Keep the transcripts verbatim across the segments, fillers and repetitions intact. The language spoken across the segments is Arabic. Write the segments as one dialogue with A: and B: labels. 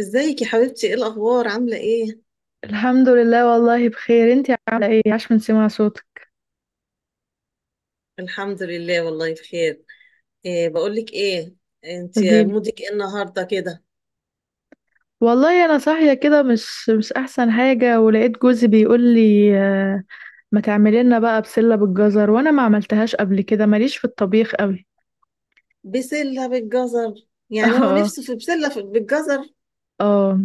A: ازيك يا حبيبتي، ايه الاخبار؟ عامله ايه؟
B: الحمد لله والله بخير. انتي عامله ايه؟ عاش من سمع صوتك.
A: الحمد لله والله بخير. إيه بقول لك ايه؟ انت
B: قوليلي.
A: مودك ايه النهارده كده؟
B: والله انا صاحيه كده مش مش احسن حاجه، ولقيت جوزي بيقول لي: آه، ما تعملي لنا بقى بسله بالجزر، وانا ما عملتهاش قبل كده، ماليش في الطبيخ قوي.
A: بسله بالجزر، يعني هو
B: اه.
A: نفسه في بسله في- بالجزر؟
B: اه.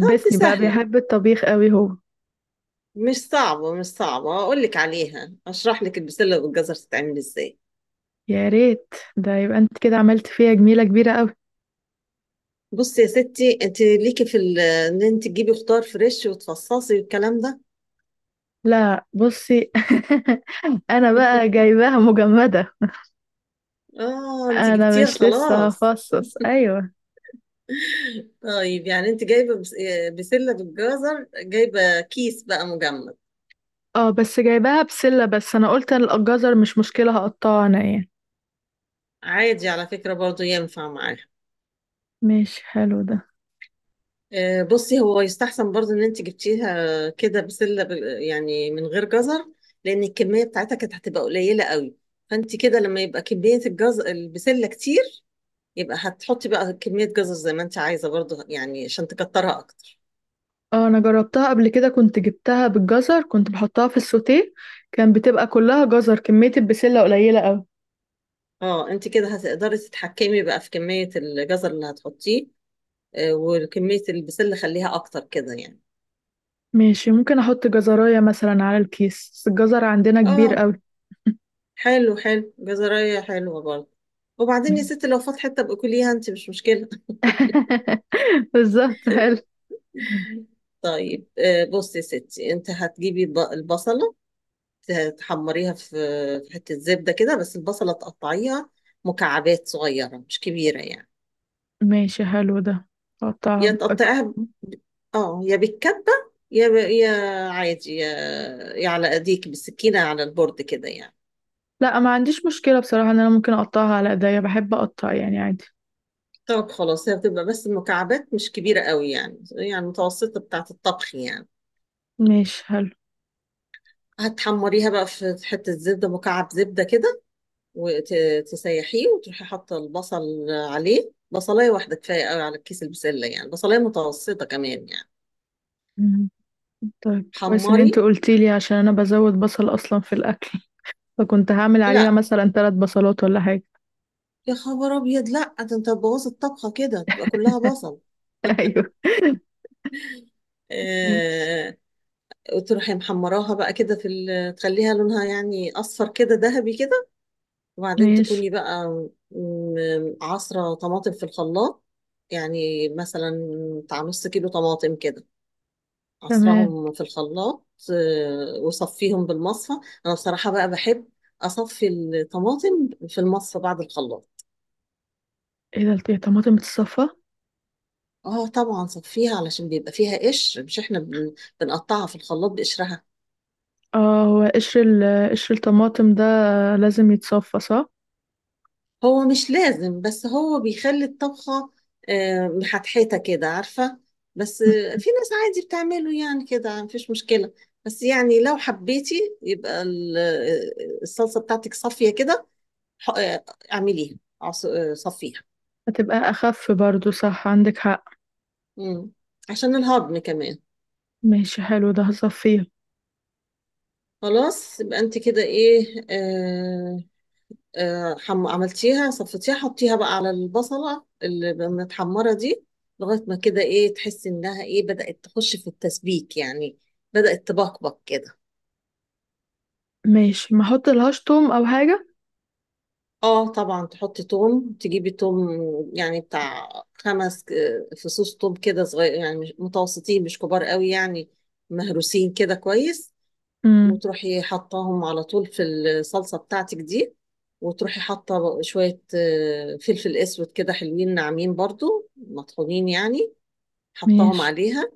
A: طب دي
B: بقى،
A: سهله،
B: بيحب الطبيخ قوي هو.
A: مش صعبه مش صعبه، اقول لك عليها، اشرح لك البسله بالجزر تتعمل ازاي.
B: يا ريت، ده يبقى انت كده عملت فيها جميله كبيره قوي.
A: بصي يا ستي، انت ليكي في ال- ان انت تجيبي خضار فريش وتفصصي والكلام ده.
B: لا بصي. انا بقى جايباها مجمده.
A: اه انت
B: انا
A: جبتيها
B: مش لسه
A: خلاص.
B: هفصص، ايوه.
A: طيب يعني انت جايبه بس- آه، بسله بالجزر، جايبه كيس بقى مجمد.
B: اه، بس جايباها بسلة، بس انا قلت الجزر مش مشكلة، هقطعها انا يعني.
A: عادي، على فكره برضو ينفع معاها.
B: ماشي حلو ده.
A: آه، بصي، هو يستحسن برضو ان انت جبتيها كده بسله بال- يعني من غير جزر. لان الكميه بتاعتها كانت هتبقى قليله قوي. فانت كده لما يبقى كميه الجزر البسله كتير، يببقى هتحطي بقى كميه جزر زي ما انت عايزه برضو يعني عشان تكترها اكتر.
B: اه، انا جربتها قبل كده، كنت جبتها بالجزر، كنت بحطها في السوتيه، كان بتبقى كلها جزر، كمية البسلة قليلة اوي.
A: اه انت كده هتقدري تتحكمي بقى في كميه الجزر اللي هتحطيه. آه، وكميه البسله خليها اكتر كده يعني.
B: ماشي، ممكن احط جزراية مثلا على الكيس، بس الجزر عندنا كبير
A: اه،
B: اوي.
A: حلو حلو، جزرية حلوة برضه. وبعدين يا
B: ماشي.
A: ستي لو فات حتة ابقي كليها انت، مش مشكلة.
B: بالظبط حلو.
A: طيب، آه، بصي يا ستي، انت هتجيبي الب- البصلة، ت- تحمريها في في حتة زبدة كده، بس البصلة تقطعيها مكعبات صغيرة مش كبيرة يعني.
B: ماشي حلو ده. اقطعها
A: يا
B: بأك...
A: تقطعيها ب- اه، يا بالكبة، يا ب... يا عادي، يا... يا على ايديك بالسكينة على البورد كده يعني.
B: لا، ما عنديش مشكلة بصراحة ان انا ممكن اقطعها على ايديا، بحب اقطع يعني عادي.
A: طب خلاص، هي بتبقى بس المكعبات مش كبيرة قوي يعني، يعني متوسطة بتاعة الطبخ يعني.
B: ماشي
A: هتحمريها بقى في حتة زبدة، مكعب زبدة كده، وتسيحيه وتروحي حاطة البصل عليه. بصلاية واحدة كفاية قوي على الكيس البسلة يعني، بصلاية متوسطة كمان يعني.
B: حلو. طيب كويس ان
A: حمري.
B: انت قلتي لي، عشان انا بزود بصل اصلا في الاكل، فكنت هعمل عليها
A: لا
B: مثلا ثلاث بصلات ولا حاجه.
A: يا خبر أبيض، لا ده أنت هتبوظي الطبخة كده تبقى كلها بصل.
B: ايوه. ماشي.
A: آه. وتروحي محمراها بقى كده في ال- تخليها لونها يعني أصفر كده ذهبي كده. وبعدين
B: ماشي.
A: تكوني بقى م- عصرة طماطم في الخلاط، يعني مثلا بتاع نص كيلو طماطم كده،
B: تمام.
A: عصرهم في الخلاط. آه، وصفيهم بالمصفى. انا بصراحة بقى بحب اصفي الطماطم في المصفى بعد الخلاط.
B: ايه ده، الطماطم بتتصفى؟
A: اه طبعا صفيها علشان بيبقى فيها قشر، مش احنا بن- بنقطعها في الخلاط بقشرها.
B: اه، هو قشر ال- قشر الطماطم ده لازم يتصفى، صح؟
A: هو مش لازم بس هو بيخلي الطبخة آه، محتحتة كده عارفة. بس
B: مم.
A: آه، في ناس عادي بتعمله يعني كده مفيش مشكلة. بس يعني لو حبيتي يبقى ال- آه، الصلصة بتاعتك صافية كده. ح- آه، اعمليها، عص- آه، صفيها.
B: هتبقى اخف برضو، صح، عندك حق.
A: مم. عشان الهضم كمان.
B: ماشي حلو ده، هصفيه.
A: خلاص يبقى انت كده ايه، آه، آه حم... عملتيها صفتيها، حطيها بقى على البصلة اللي متحمرة دي لغاية ما كده ايه تحسي انها ايه بدأت تخش في التسبيك يعني، بدأت تبقبق كده.
B: ماشي، ما احط لهاش توم او حاجه؟
A: اه طبعا تحطي توم، تجيبي توم يعني بتاع خمس آه، فصوص توم كده، صغير يعني مش- متوسطين مش كبار قوي يعني، مهروسين كده كويس.
B: امم.
A: وتروحي حطاهم على طول في الصلصة بتاعتك دي. وتروحي حاطة شوية آه، فلفل أسود كده حلوين ناعمين برضو مطحونين يعني، حطاهم
B: ماشي.
A: عليها.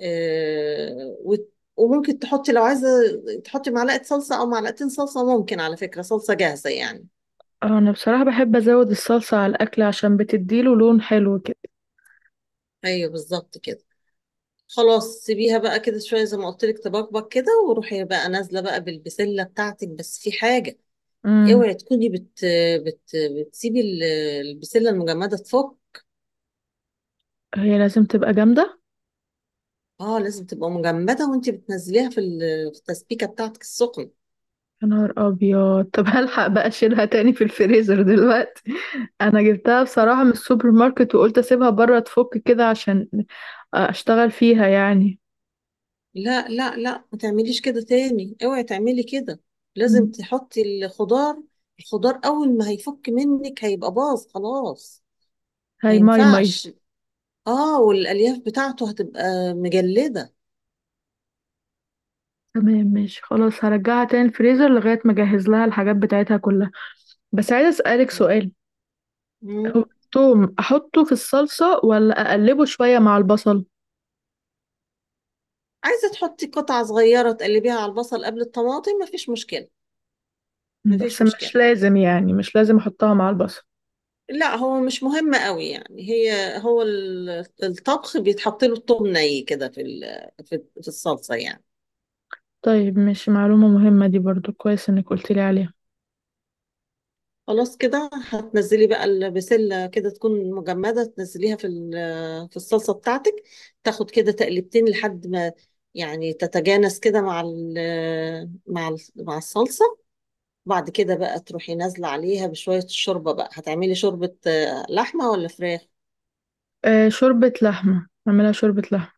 A: آه، وت- وممكن تحطي لو عايزة، تحطي معلقة صلصة أو معلقتين صلصة. ممكن على فكرة صلصة جاهزة يعني.
B: اه انا بصراحه بحب ازود الصلصه على الاكل، عشان بتديله لون حلو كده.
A: أيوه بالظبط كده. خلاص سيبيها بقى كده شوية زي ما قلت لك تبقبق كده، وروحي بقى نازلة بقى بالبسلة بتاعتك. بس في حاجة،
B: امم.
A: اوعي تكوني بت بت بتسيبي ال- البسله المجمده تفك.
B: هي لازم تبقى جامده؟
A: اه لازم تبقى مجمده وانت بتنزليها في ال- في التسبيكه بتاعتك السخنه.
B: يا نهار ابيض، طب هلحق بقى اشيلها تاني في الفريزر دلوقتي. انا جبتها بصراحة من السوبر ماركت، وقلت اسيبها بره تفك كده عشان اشتغل فيها يعني.
A: لا لا لا، ما تعمليش كده تاني، اوعي تعملي كده. لازم
B: مم.
A: تحطي الخضار. الخضار اول ما هيفك منك هيبقى باظ خلاص. ما
B: هاي ماي ماي.
A: ينفعش. اه والالياف بتاعته هتبقى مجلده.
B: تمام ماشي، خلاص هرجعها تاني الفريزر لغاية ما اجهز لها الحاجات بتاعتها كلها. بس عايزة اسألك سؤال.
A: مم.
B: هو التوم احطه في الصلصة، ولا اقلبه شوية مع البصل؟
A: عايزه تحطي قطعه صغيره تقلبيها على البصل قبل الطماطم، مفيش مشكله.
B: مم. بس
A: مفيش
B: مش
A: مشكله،
B: لازم يعني، مش لازم احطها مع البصل؟
A: لا هو مش مهم قوي يعني، هي هو ال- الطبخ بيتحط له الثوم ني كده في ال- في في الصلصه يعني.
B: طيب ماشي، معلومة مهمة دي برضو، كويس انك قلت لي عليها.
A: خلاص، كده هتنزلي بقى البسله كده تكون مجمده، تنزليها في ال- في الصلصه بتاعتك. تاخد كده تقلبتين لحد ما يعني تتجانس كده مع ال- مع ال- مع الصلصه. بعد كده بقى تروحي نازله عليها بشويه الشوربه. بقى هتعملي شوربه آه، لحمه ولا فراخ؟
B: آه شوربة لحمة، اعملها شوربة لحمة.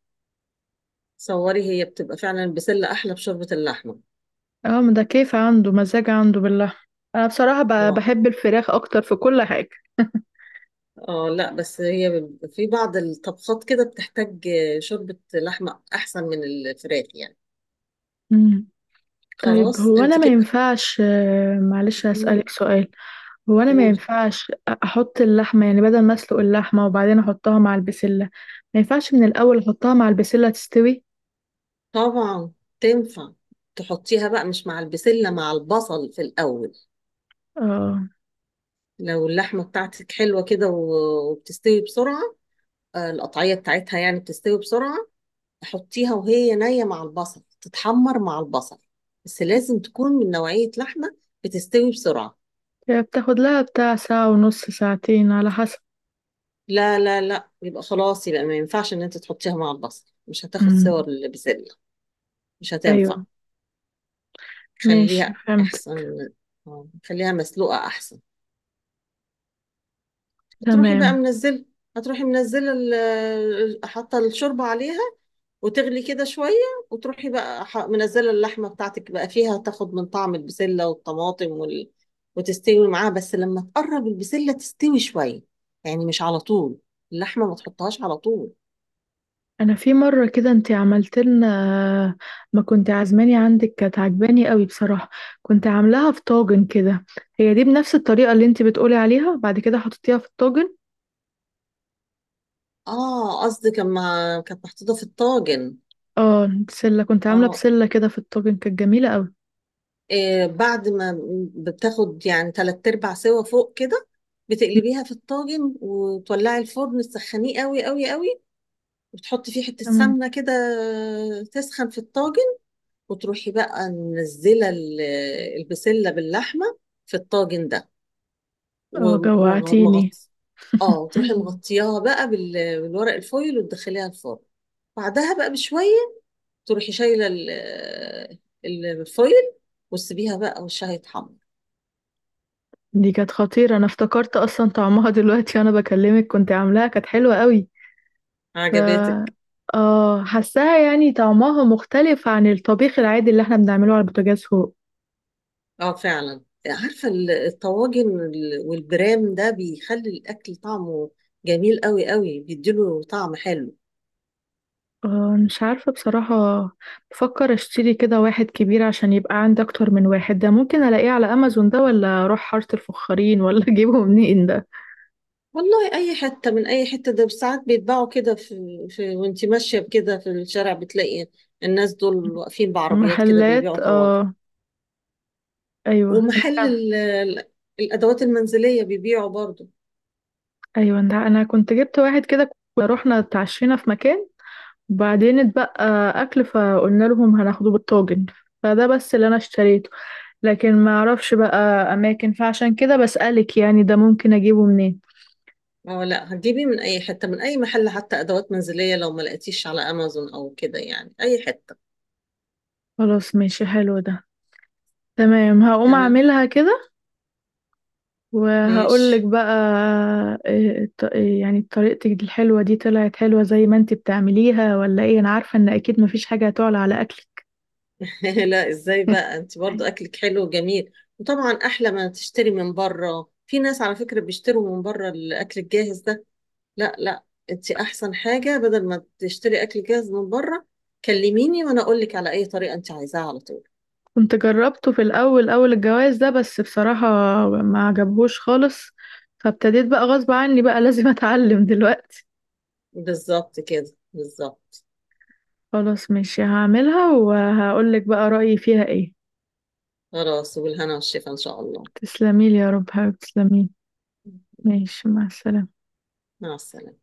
A: صوري هي بتبقى فعلا البسله احلى بشوربه اللحمه.
B: اه، ما ده كيف عنده مزاج، عنده باللحمة. انا بصراحة ب-
A: الله.
B: بحب الفراخ اكتر في كل حاجة.
A: اه لا بس هي بيبقى في بعض الطبخات كده بتحتاج شوربة لحمة أحسن من الفراخ يعني.
B: مم. طيب
A: خلاص
B: هو انا
A: انت
B: ما
A: كده.
B: ينفعش، آه، معلش هسألك
A: مم،
B: سؤال. هو انا ما
A: قولي.
B: ينفعش احط اللحمة يعني، بدل ما اسلق اللحمة وبعدين احطها مع البسلة، ما ينفعش من الاول احطها مع البسلة تستوي؟
A: طبعا تنفع. تحطيها بقى مش مع البسلة، مع البصل في الأول.
B: اه،
A: لو اللحمة بتاعتك حلوة كده و- وبتستوي بسرعة، آه، القطعية بتاعتها يعني بتستوي بسرعة، حطيها وهي نية مع البصل تتحمر مع البصل. بس لازم تكون من نوعية لحمة بتستوي بسرعة.
B: هي بتاخد لها بتاع ساعة ونص ساعتين على حسب.
A: لا لا لا، يبقى خلاص، يبقى ما ينفعش ان انت تحطيها مع البصل، مش هتاخد
B: مم.
A: صور البسلة. مش هتنفع.
B: ايوه. ماشي
A: خليها
B: فهمت.
A: احسن، آه، خليها مسلوقة احسن. هتروحي بقى
B: تمام.
A: منزله. هتروحي منزله ال- ال- حاطه الشوربه عليها، وتغلي كده شويه. وتروحي بقى ح- منزله اللحمه بتاعتك بقى فيها تاخد من طعم البسله والطماطم وال... وتستوي معاها. بس لما تقرب البسله تستوي شويه، يعني مش على طول اللحمه ما تحطهاش على طول.
B: انا في مره كده انت عملت لنا، ما كنت عازماني عندك، كانت عجباني قوي بصراحه. كنت عاملاها في طاجن كده. هي دي بنفس الطريقه اللي انت بتقولي عليها، بعد كده حطيتيها في الطاجن؟
A: اه قصدك اما كانت محطوطة في الطاجن.
B: اه، بسله كنت عامله،
A: اه.
B: بسله كده في الطاجن، كانت جميله قوي.
A: إيه بعد ما بتاخد يعني تلات ارباع سوا فوق كده، بتقلبيها في الطاجن، وتولعي الفرن تسخنيه قوي قوي قوي، وتحطي فيه حتة
B: تمام.
A: سمنة كده تسخن في الطاجن. وتروحي بقى منزلة ال- البسلة باللحمة في الطاجن ده
B: اه جوعتيني.
A: ومغطي. اه وتروحي مغطياها بقى بال- بالورق الفويل، وتدخليها الفرن. بعدها بقى بشوية، تروحي شايله ال- الفويل، وتسيبيها بقى وشها يتحمر.
B: دي كانت خطيره، انا افتكرت اصلا طعمها دلوقتي وانا بكلمك، كنت عاملاها كانت حلوه قوي. ف
A: عجباتك.
B: اه، حاساها يعني طعمها مختلف عن الطبيخ العادي اللي احنا بنعمله على البوتاجاز هو.
A: اه فعلا. عارفه ال- الطواجن وال- والبرام ده بيخلي الاكل طعمه جميل قوي قوي، بيديله طعم حلو.
B: آه، مش عارفة بصراحة. بفكر اشتري كده واحد كبير عشان يبقى عندي اكتر من واحد، ده ممكن الاقيه على امازون، ده ولا اروح حارة الفخارين، ولا اجيبه منين ده؟
A: والله اي حته من اي حته. ده ساعات بيتباعوا كده في, في وانتي ماشيه كده في الشارع بتلاقي الناس دول واقفين بعربيات كده
B: محلات،
A: بيبيعوا طواجن.
B: اه. ايوه، انا
A: ومحل
B: كان
A: ال- ال- الادوات المنزليه بيبيعوا برضو.
B: ايوه ده انا كنت جبت واحد كده. كنا رحنا اتعشينا في مكان، وبعدين اتبقى اكل، فقلنا لهم هناخده بالطاجن. فده بس اللي انا اشتريته. لكن ما اعرفش بقى اماكن، فعشان كده بسألك يعني، ده ممكن اجيبه منين؟
A: اه لا، هتجيبيه من اي حته، من اي محل، حتى ادوات منزليه. لو ما لقيتيش على امازون او كده، يعني اي حته.
B: خلاص ماشي حلو ده. تمام، هقوم
A: تمام
B: اعملها كده وهقول لك
A: ماشي.
B: بقى. إيه الط- إيه يعني طريقتك الحلوة دي طلعت حلوة زي ما انت بتعمليها ولا ايه؟ انا عارفة ان اكيد مفيش حاجة هتعلى على اكلك.
A: لا ازاي بقى، انت برضو اكلك حلو وجميل. وطبعا احلى ما تشتري من بره. في ناس على فكره بيشتروا من بره الاكل الجاهز ده. لا لا، انت احسن حاجه بدل ما تشتري اكل جاهز من بره، كلميني وانا اقول لك على اي طريقه انت عايزاها على طول.
B: كنت جربته في الاول، اول الجواز ده، بس بصراحة ما عجبهوش خالص، فابتديت بقى غصب عني بقى. لازم اتعلم دلوقتي.
A: بالظبط كده، بالظبط.
B: خلاص ماشي، هعملها وهقول لك بقى رأيي فيها ايه.
A: خلاص، وبالهنا والشفا ان شاء الله.
B: تسلميلي يا رب حبيبتي، تسلميلي. ماشي، مع السلامة.
A: مع السلامه.